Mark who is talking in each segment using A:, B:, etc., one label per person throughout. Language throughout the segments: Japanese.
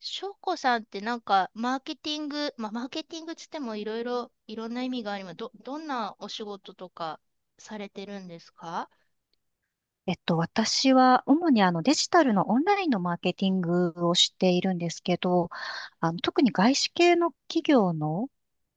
A: 翔子さんってなんか、マーケティング、まあ、マーケティングつってもいろいろ、いろんな意味があります。どんなお仕事とかされてるんですか？
B: 私は主にデジタルのオンラインのマーケティングをしているんですけど、あの特に外資系の企業の、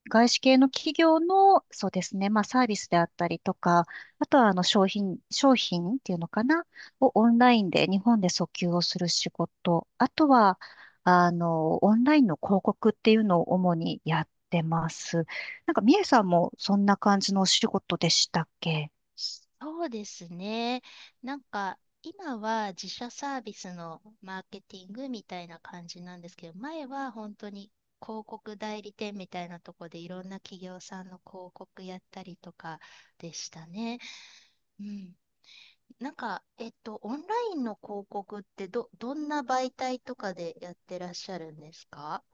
B: そうですね、まあサービスであったりとか、あとはあの商品っていうのかな、をオンラインで日本で訴求をする仕事、あとは、オンラインの広告っていうのを主にやってます。なんか、みえさんもそんな感じのお仕事でしたっけ。
A: そうですね。なんか、今は自社サービスのマーケティングみたいな感じなんですけど、前は本当に広告代理店みたいなとこでいろんな企業さんの広告やったりとかでしたね。うん。なんか、オンラインの広告ってどんな媒体とかでやってらっしゃるんですか？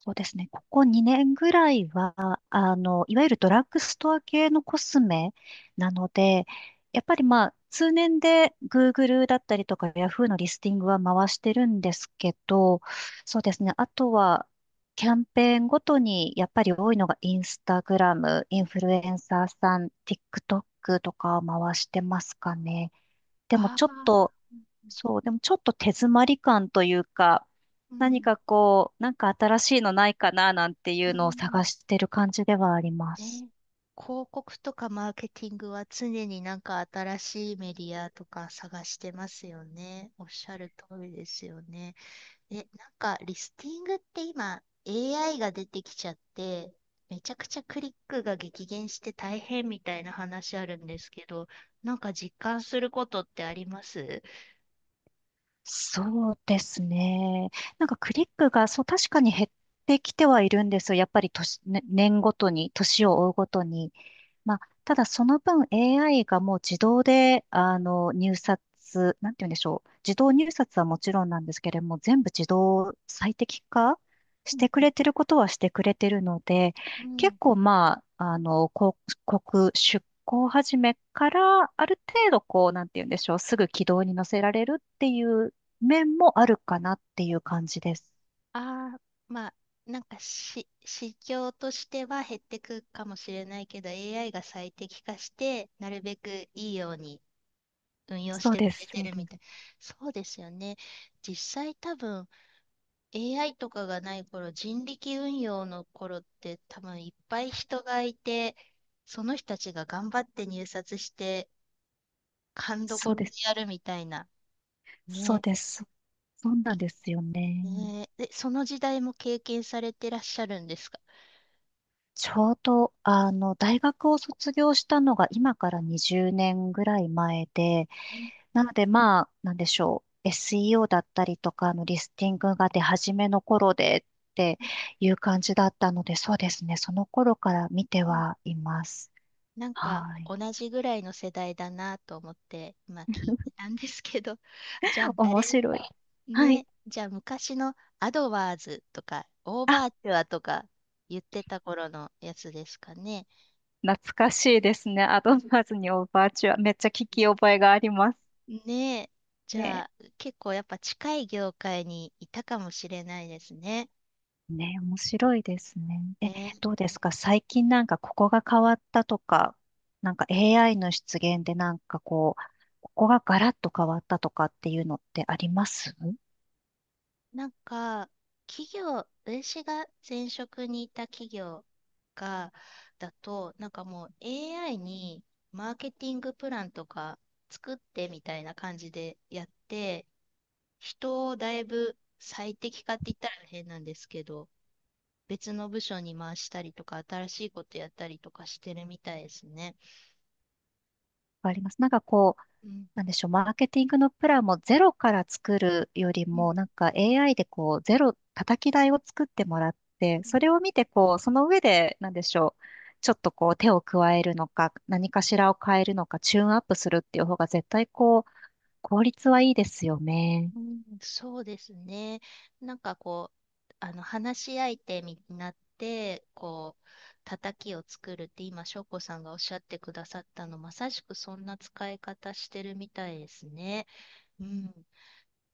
B: そうですね。ここ2年ぐらいは、いわゆるドラッグストア系のコスメなので、やっぱりまあ、通年で Google だったりとか Yahoo のリスティングは回してるんですけど、そうですね。あとは、キャンペーンごとにやっぱり多いのがインスタグラム、インフルエンサーさん、TikTok とかを回してますかね。でも
A: あ
B: ちょっ
A: あ
B: と、
A: ー、
B: そう、でもちょっと手詰まり感というか、
A: う
B: 何
A: ん、
B: かこう、なんか新しいのないかななんてい
A: う
B: うのを探
A: ん、
B: してる感じではあります。
A: ね。広告とかマーケティングは常になんか新しいメディアとか探してますよね。おっしゃる通りですよね。え、なんか、リスティングって今、AI が出てきちゃって、めちゃくちゃクリックが激減して大変みたいな話あるんですけど、なんか実感することってあります？
B: そうですね。なんかクリックが、そう、確かに減ってきてはいるんですよ。やっぱり年ごとに、年を追うごとに。まあ、ただその分 AI がもう自動で、なんて言うんでしょう。自動入札はもちろんなんですけれども、全部自動最適化し
A: うん
B: てくれてることはしてくれてるので、
A: う
B: 結
A: ん。
B: 構まあ、広告出稿始めから、ある程度こう、なんて言うんでしょう。すぐ軌道に乗せられるっていう面もあるかなっていう感じです。
A: ああ、まあ、なんか市況としては減ってくかもしれないけど、AI が最適化して、なるべくいいように運用し
B: そう
A: てく
B: で
A: れ
B: す、
A: て
B: そう
A: るみ
B: です、
A: たい。そうですよね。実際多分、AI とかがない頃、人力運用の頃って多分いっぱい人がいて、その人たちが頑張って入札して、勘ど
B: そ
A: こ
B: う
A: ろ
B: で
A: で
B: す、
A: やるみたいな。
B: そう
A: ね。
B: です。そうなんですよね。
A: ねえ、で、その時代も経験されてらっしゃるんですか？
B: ちょうど、大学を卒業したのが今から20年ぐらい前で、
A: うん
B: なので、まあ、なんでしょう。SEO だったりとか、リスティングが出始めの頃でって
A: うん
B: いう感じだったので、そうですね。その頃から見て
A: うん。
B: はいます。
A: なんか
B: はい。
A: 同じぐらいの世代だなと思って今聞い てたんですけど、じゃああ
B: 面
A: れ
B: 白い。はい。
A: ね、じゃあ昔のアドワーズとかオー
B: あ、
A: バーチュアとか言ってた頃のやつですかね。
B: 懐かしいですね。アドバンーズにオーバーチュア。めっちゃ聞き覚えがあります
A: ねえ。じゃ
B: ね。
A: あ、結構やっぱ近い業界にいたかもしれないですね。
B: ね、面白いですね。え、
A: ね。
B: どうですか最近なんかここが変わったとか、なんか AI の出現でなんかこう、ここがガラッと変わったとかっていうのってあります。
A: なんか、企業、私が前職にいた企業が、だと、なんかもう AI にマーケティングプランとか作ってみたいな感じでやって、人をだいぶ最適化って言ったら変なんですけど、別の部署に回したりとか、新しいことやったりとかしてるみたいですね。
B: あります。なんかこう、
A: うん。
B: なんでしょう、マーケティングのプランもゼロから作るより
A: うん
B: も、なんか AI でこう、叩き台を作ってもらって、それを見てこう、その上で、なんでしょう、ちょっとこう手を加えるのか、何かしらを変えるのか、チューンアップするっていう方が絶対こう、効率はいいですよね。
A: うん、そうですね。なんかこう、話し相手になって、こう、叩きを作るって今、翔子さんがおっしゃってくださったの、まさしくそんな使い方してるみたいですね。うん。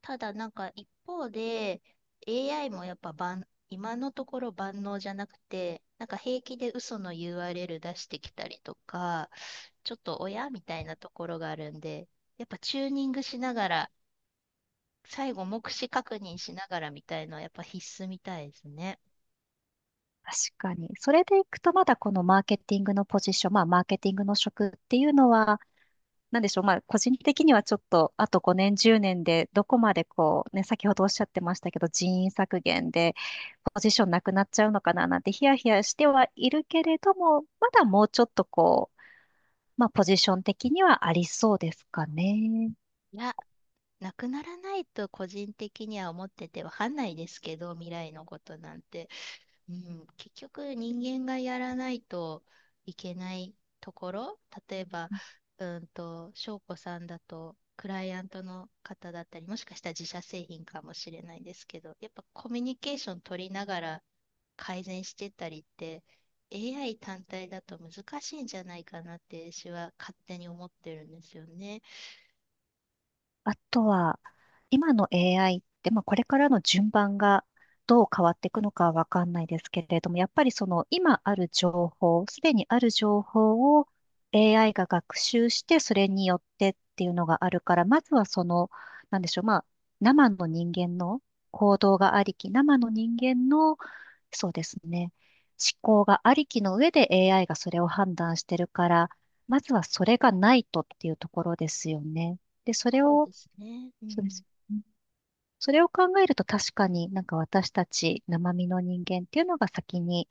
A: ただ、なんか一方で、AI もやっぱ今のところ万能じゃなくて、なんか平気で嘘の URL 出してきたりとか、ちょっと親みたいなところがあるんで、やっぱチューニングしながら最後、目視確認しながらみたいのはやっぱ必須みたいですね。
B: 確かに。それでいくと、まだこのマーケティングのポジション、まあ、マーケティングの職っていうのは、なんでしょう。まあ、個人的にはちょっと、あと5年、10年で、どこまでこう、ね、先ほどおっしゃってましたけど、人員削減で、ポジションなくなっちゃうのかななんてヒヤヒヤしてはいるけれども、まだもうちょっとこう、まあ、ポジション的にはありそうですかね。
A: いや、なくならないと個人的には思っててわかんないですけど、未来のことなんて。うん、結局人間がやらないといけないところ、例えば、翔子さんだと、クライアントの方だったり、もしかしたら自社製品かもしれないですけど、やっぱコミュニケーション取りながら改善してったりって AI 単体だと難しいんじゃないかなって私は勝手に思ってるんですよね。
B: あとは、今の AI って、まあ、これからの順番がどう変わっていくのかはわかんないですけれども、やっぱりその今ある情報、すでにある情報を AI が学習して、それによってっていうのがあるから、まずはその、なんでしょう、まあ、生の人間の行動がありき、生の人間の、そうですね、思考がありきの上で AI がそれを判断してるから、まずはそれがないとっていうところですよね。で、それ
A: そう
B: を
A: ですね。う
B: そうで
A: ん。
B: すよね。それを考えると確かになんか私たち生身の人間っていうのが先に、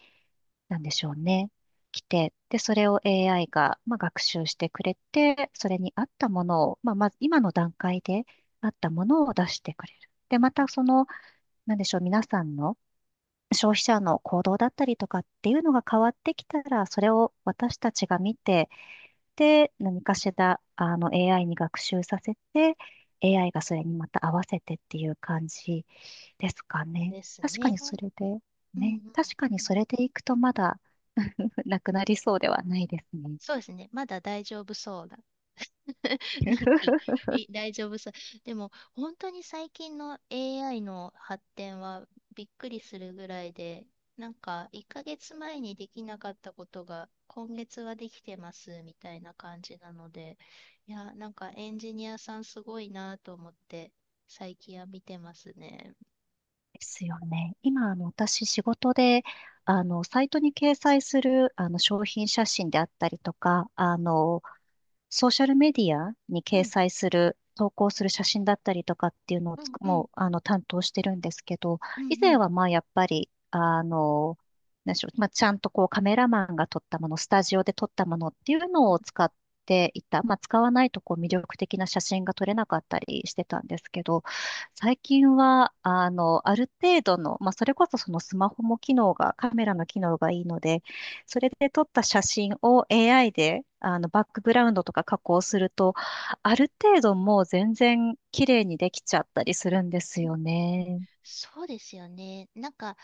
B: なんでしょうね、来て、で、それを AI が、まあ、学習してくれて、それに合ったものを、まあ、まず今の段階で合ったものを出してくれる。で、またその、なんでしょう、皆さんの消費者の行動だったりとかっていうのが変わってきたら、それを私たちが見て、何かしら、AI に学習させて、AI がそれにまた合わせてっていう感じですかね。
A: です
B: 確か
A: ね。
B: にそれで、
A: うんうん。
B: ね、確かにそれでいくとまだ なくなりそうではないですね。
A: そうですね。まだ大丈夫そうな。 なんか、大丈夫そう。でも、本当に最近の AI の発展はびっくりするぐらいで、なんか、1ヶ月前にできなかったことが、今月はできてますみたいな感じなので、いや、なんかエンジニアさんすごいなと思って、最近は見てますね。
B: ですよね。今、私、仕事で、サイトに掲載する、商品写真であったりとか、ソーシャルメディアに
A: う
B: 掲
A: ん、
B: 載する、投稿する写真だったりとかっていうのをつく
A: うん、うん、
B: もう、あの、担当してるんですけど、
A: う
B: 以前
A: ん、
B: はまあ、やっぱり、なんでしょう、まあ、ちゃんとこうカメラマンが撮ったもの、スタジオで撮ったものっていう
A: う
B: の
A: ん。
B: を使っていた。まあ、使わないとこう魅力的な写真が撮れなかったりしてたんですけど、最近は、ある程度の、まあ、それこそそのスマホも機能が、カメラの機能がいいので、それで撮った写真を AI でバックグラウンドとか加工すると、ある程度もう全然綺麗にできちゃったりするんですよね。
A: そうですよね。なんか、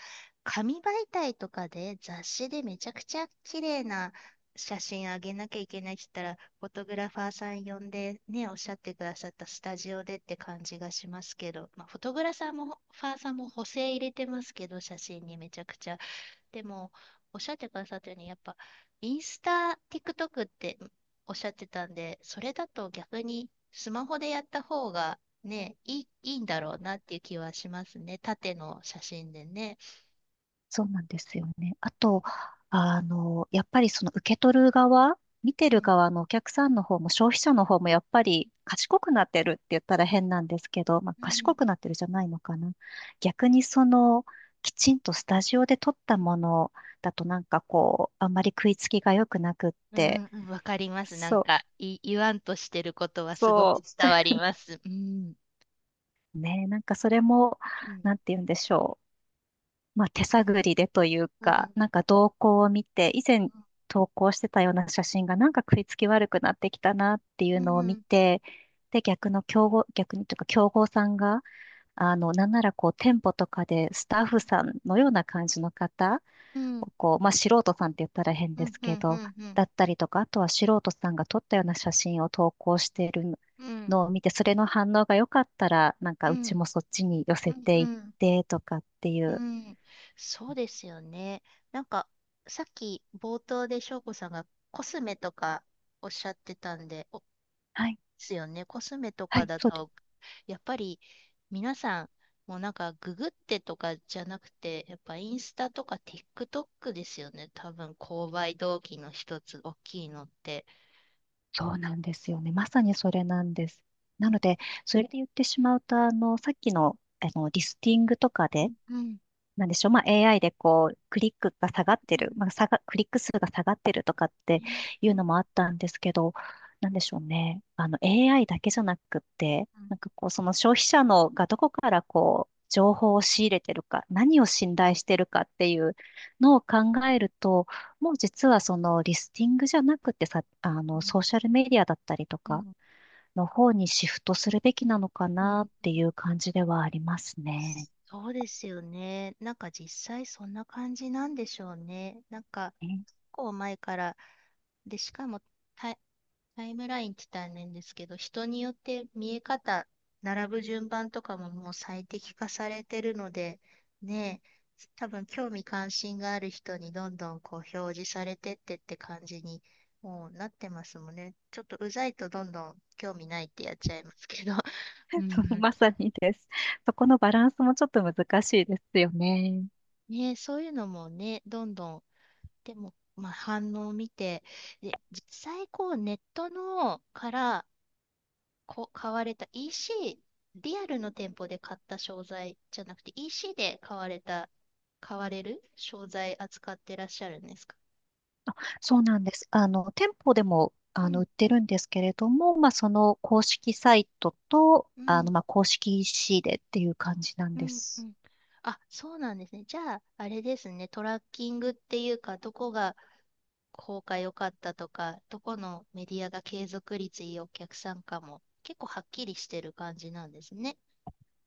A: 紙媒体とかで雑誌でめちゃくちゃ綺麗な写真あげなきゃいけないって言ったら、フォトグラファーさん呼んでね、おっしゃってくださったスタジオでって感じがしますけど、まあ、フォトグラファーも、ファーさんも補正入れてますけど、写真にめちゃくちゃ。でも、おっしゃってくださったように、やっぱ、インスタ、TikTok っておっしゃってたんで、それだと逆にスマホでやった方がね、いいんだろうなっていう気はしますね。縦の写真でね。
B: そうなんですよね。あと、やっぱりその受け取る側、見
A: う
B: てる
A: ん
B: 側のお客さんの方も消費者の方もやっぱり賢くなってるって言ったら変なんですけど、まあ、
A: う
B: 賢
A: ん、
B: くなってるじゃないのかな。逆にその、きちんとスタジオで撮ったものだとなんかこう、あんまり食いつきが良くなくっ
A: う
B: て、
A: んうんわかります。なん
B: そう、
A: か、言わんとしてることはすご
B: そ
A: く伝わります。うん。
B: ね、なんかそれも、
A: うん。
B: なんて言うんでしょう。まあ手探りでという
A: う
B: か、
A: ん。
B: なんか動向を見て、以前投稿してたような写真がなんか食いつき悪くなってきたなってい
A: う
B: うのを見
A: ん。
B: て、で、逆の競合、逆にというか競合さんが、なんならこう店舗とかでスタッフさんのような感じの方
A: うん。
B: こう、まあ、素人さんって言ったら変
A: う
B: で
A: ん。
B: す
A: う
B: け
A: ん。う
B: ど、
A: ん。うん。
B: だったりとか、あとは素人さんが撮ったような写真を投稿してる
A: うん。
B: のを見て、それの反応が良かったら、なんか
A: う
B: うち
A: ん。
B: もそっちに寄せて
A: う
B: いっ
A: ん。
B: てとかってい
A: う
B: う。
A: ん。そうですよね。なんか、さっき冒頭で翔子さんがコスメとかおっしゃってたんで、
B: はい、
A: すよね。コスメと
B: は
A: か
B: い、
A: だ
B: そうで
A: と、
B: す。
A: やっぱり皆さん、もうなんかググってとかじゃなくて、やっぱインスタとか TikTok ですよね。多分購買動機の一つ、大きいのって。
B: そうなんですよね。まさにそれなんです。なので、それで言ってしまうと、あの、さっきの、あの、リスティングとか
A: う
B: で、
A: んうん
B: なんでしょう、まあ、AI でこう、
A: うん
B: クリック数が下がってるとかって
A: ね
B: い
A: う
B: う
A: ん
B: のもあったんですけど、なんでしょうね、AI だけじゃなくって、
A: うん
B: なんかこう、その消費者のがどこからこう、情報を仕入れてるか、何を信頼してるかっていうのを考えると、もう実はそのリスティングじゃなくてさ、ソーシャルメディアだったりと
A: う
B: か
A: ん
B: の方にシフトす
A: うん
B: るべきなのか
A: う
B: なっ
A: ん。
B: ていう感じではありますね。
A: そうですよね。なんか実際そんな感じなんでしょうね。なんか、結構前から、で、しかも、たタイムラインって大変ですけど、人によって見え方、並ぶ順番とかももう最適化されてるので、ねえ、多分興味関心がある人にどんどんこう表示されてってって感じにもうなってますもんね。ちょっとうざいとどんどん興味ないってやっちゃいますけど。うんう ん。
B: まさにです。そこのバランスもちょっと難しいですよね。
A: ねえ、そういうのもね、どんどん、でも、まあ、反応を見て、で、実際こうネットのから、買われた EC、リアルの店舗で買った商材じゃなくて EC で買われた、買われる商材扱ってらっしゃるんですか？
B: そうなんです。店舗でも、
A: うん、
B: 売ってるんですけれども、まあ、その公式サイトと、
A: うん、
B: まあ、公式 EC でっていう感じなん
A: う
B: で
A: ん、う
B: す。
A: ん。あ、そうなんですね。じゃあ、あれですね、トラッキングっていうか、どこが効果良かったとか、どこのメディアが継続率いいお客さんかも、結構はっきりしてる感じなんですね。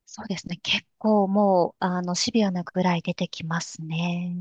B: そうですね。結構もう、シビアなぐらい出てきますね。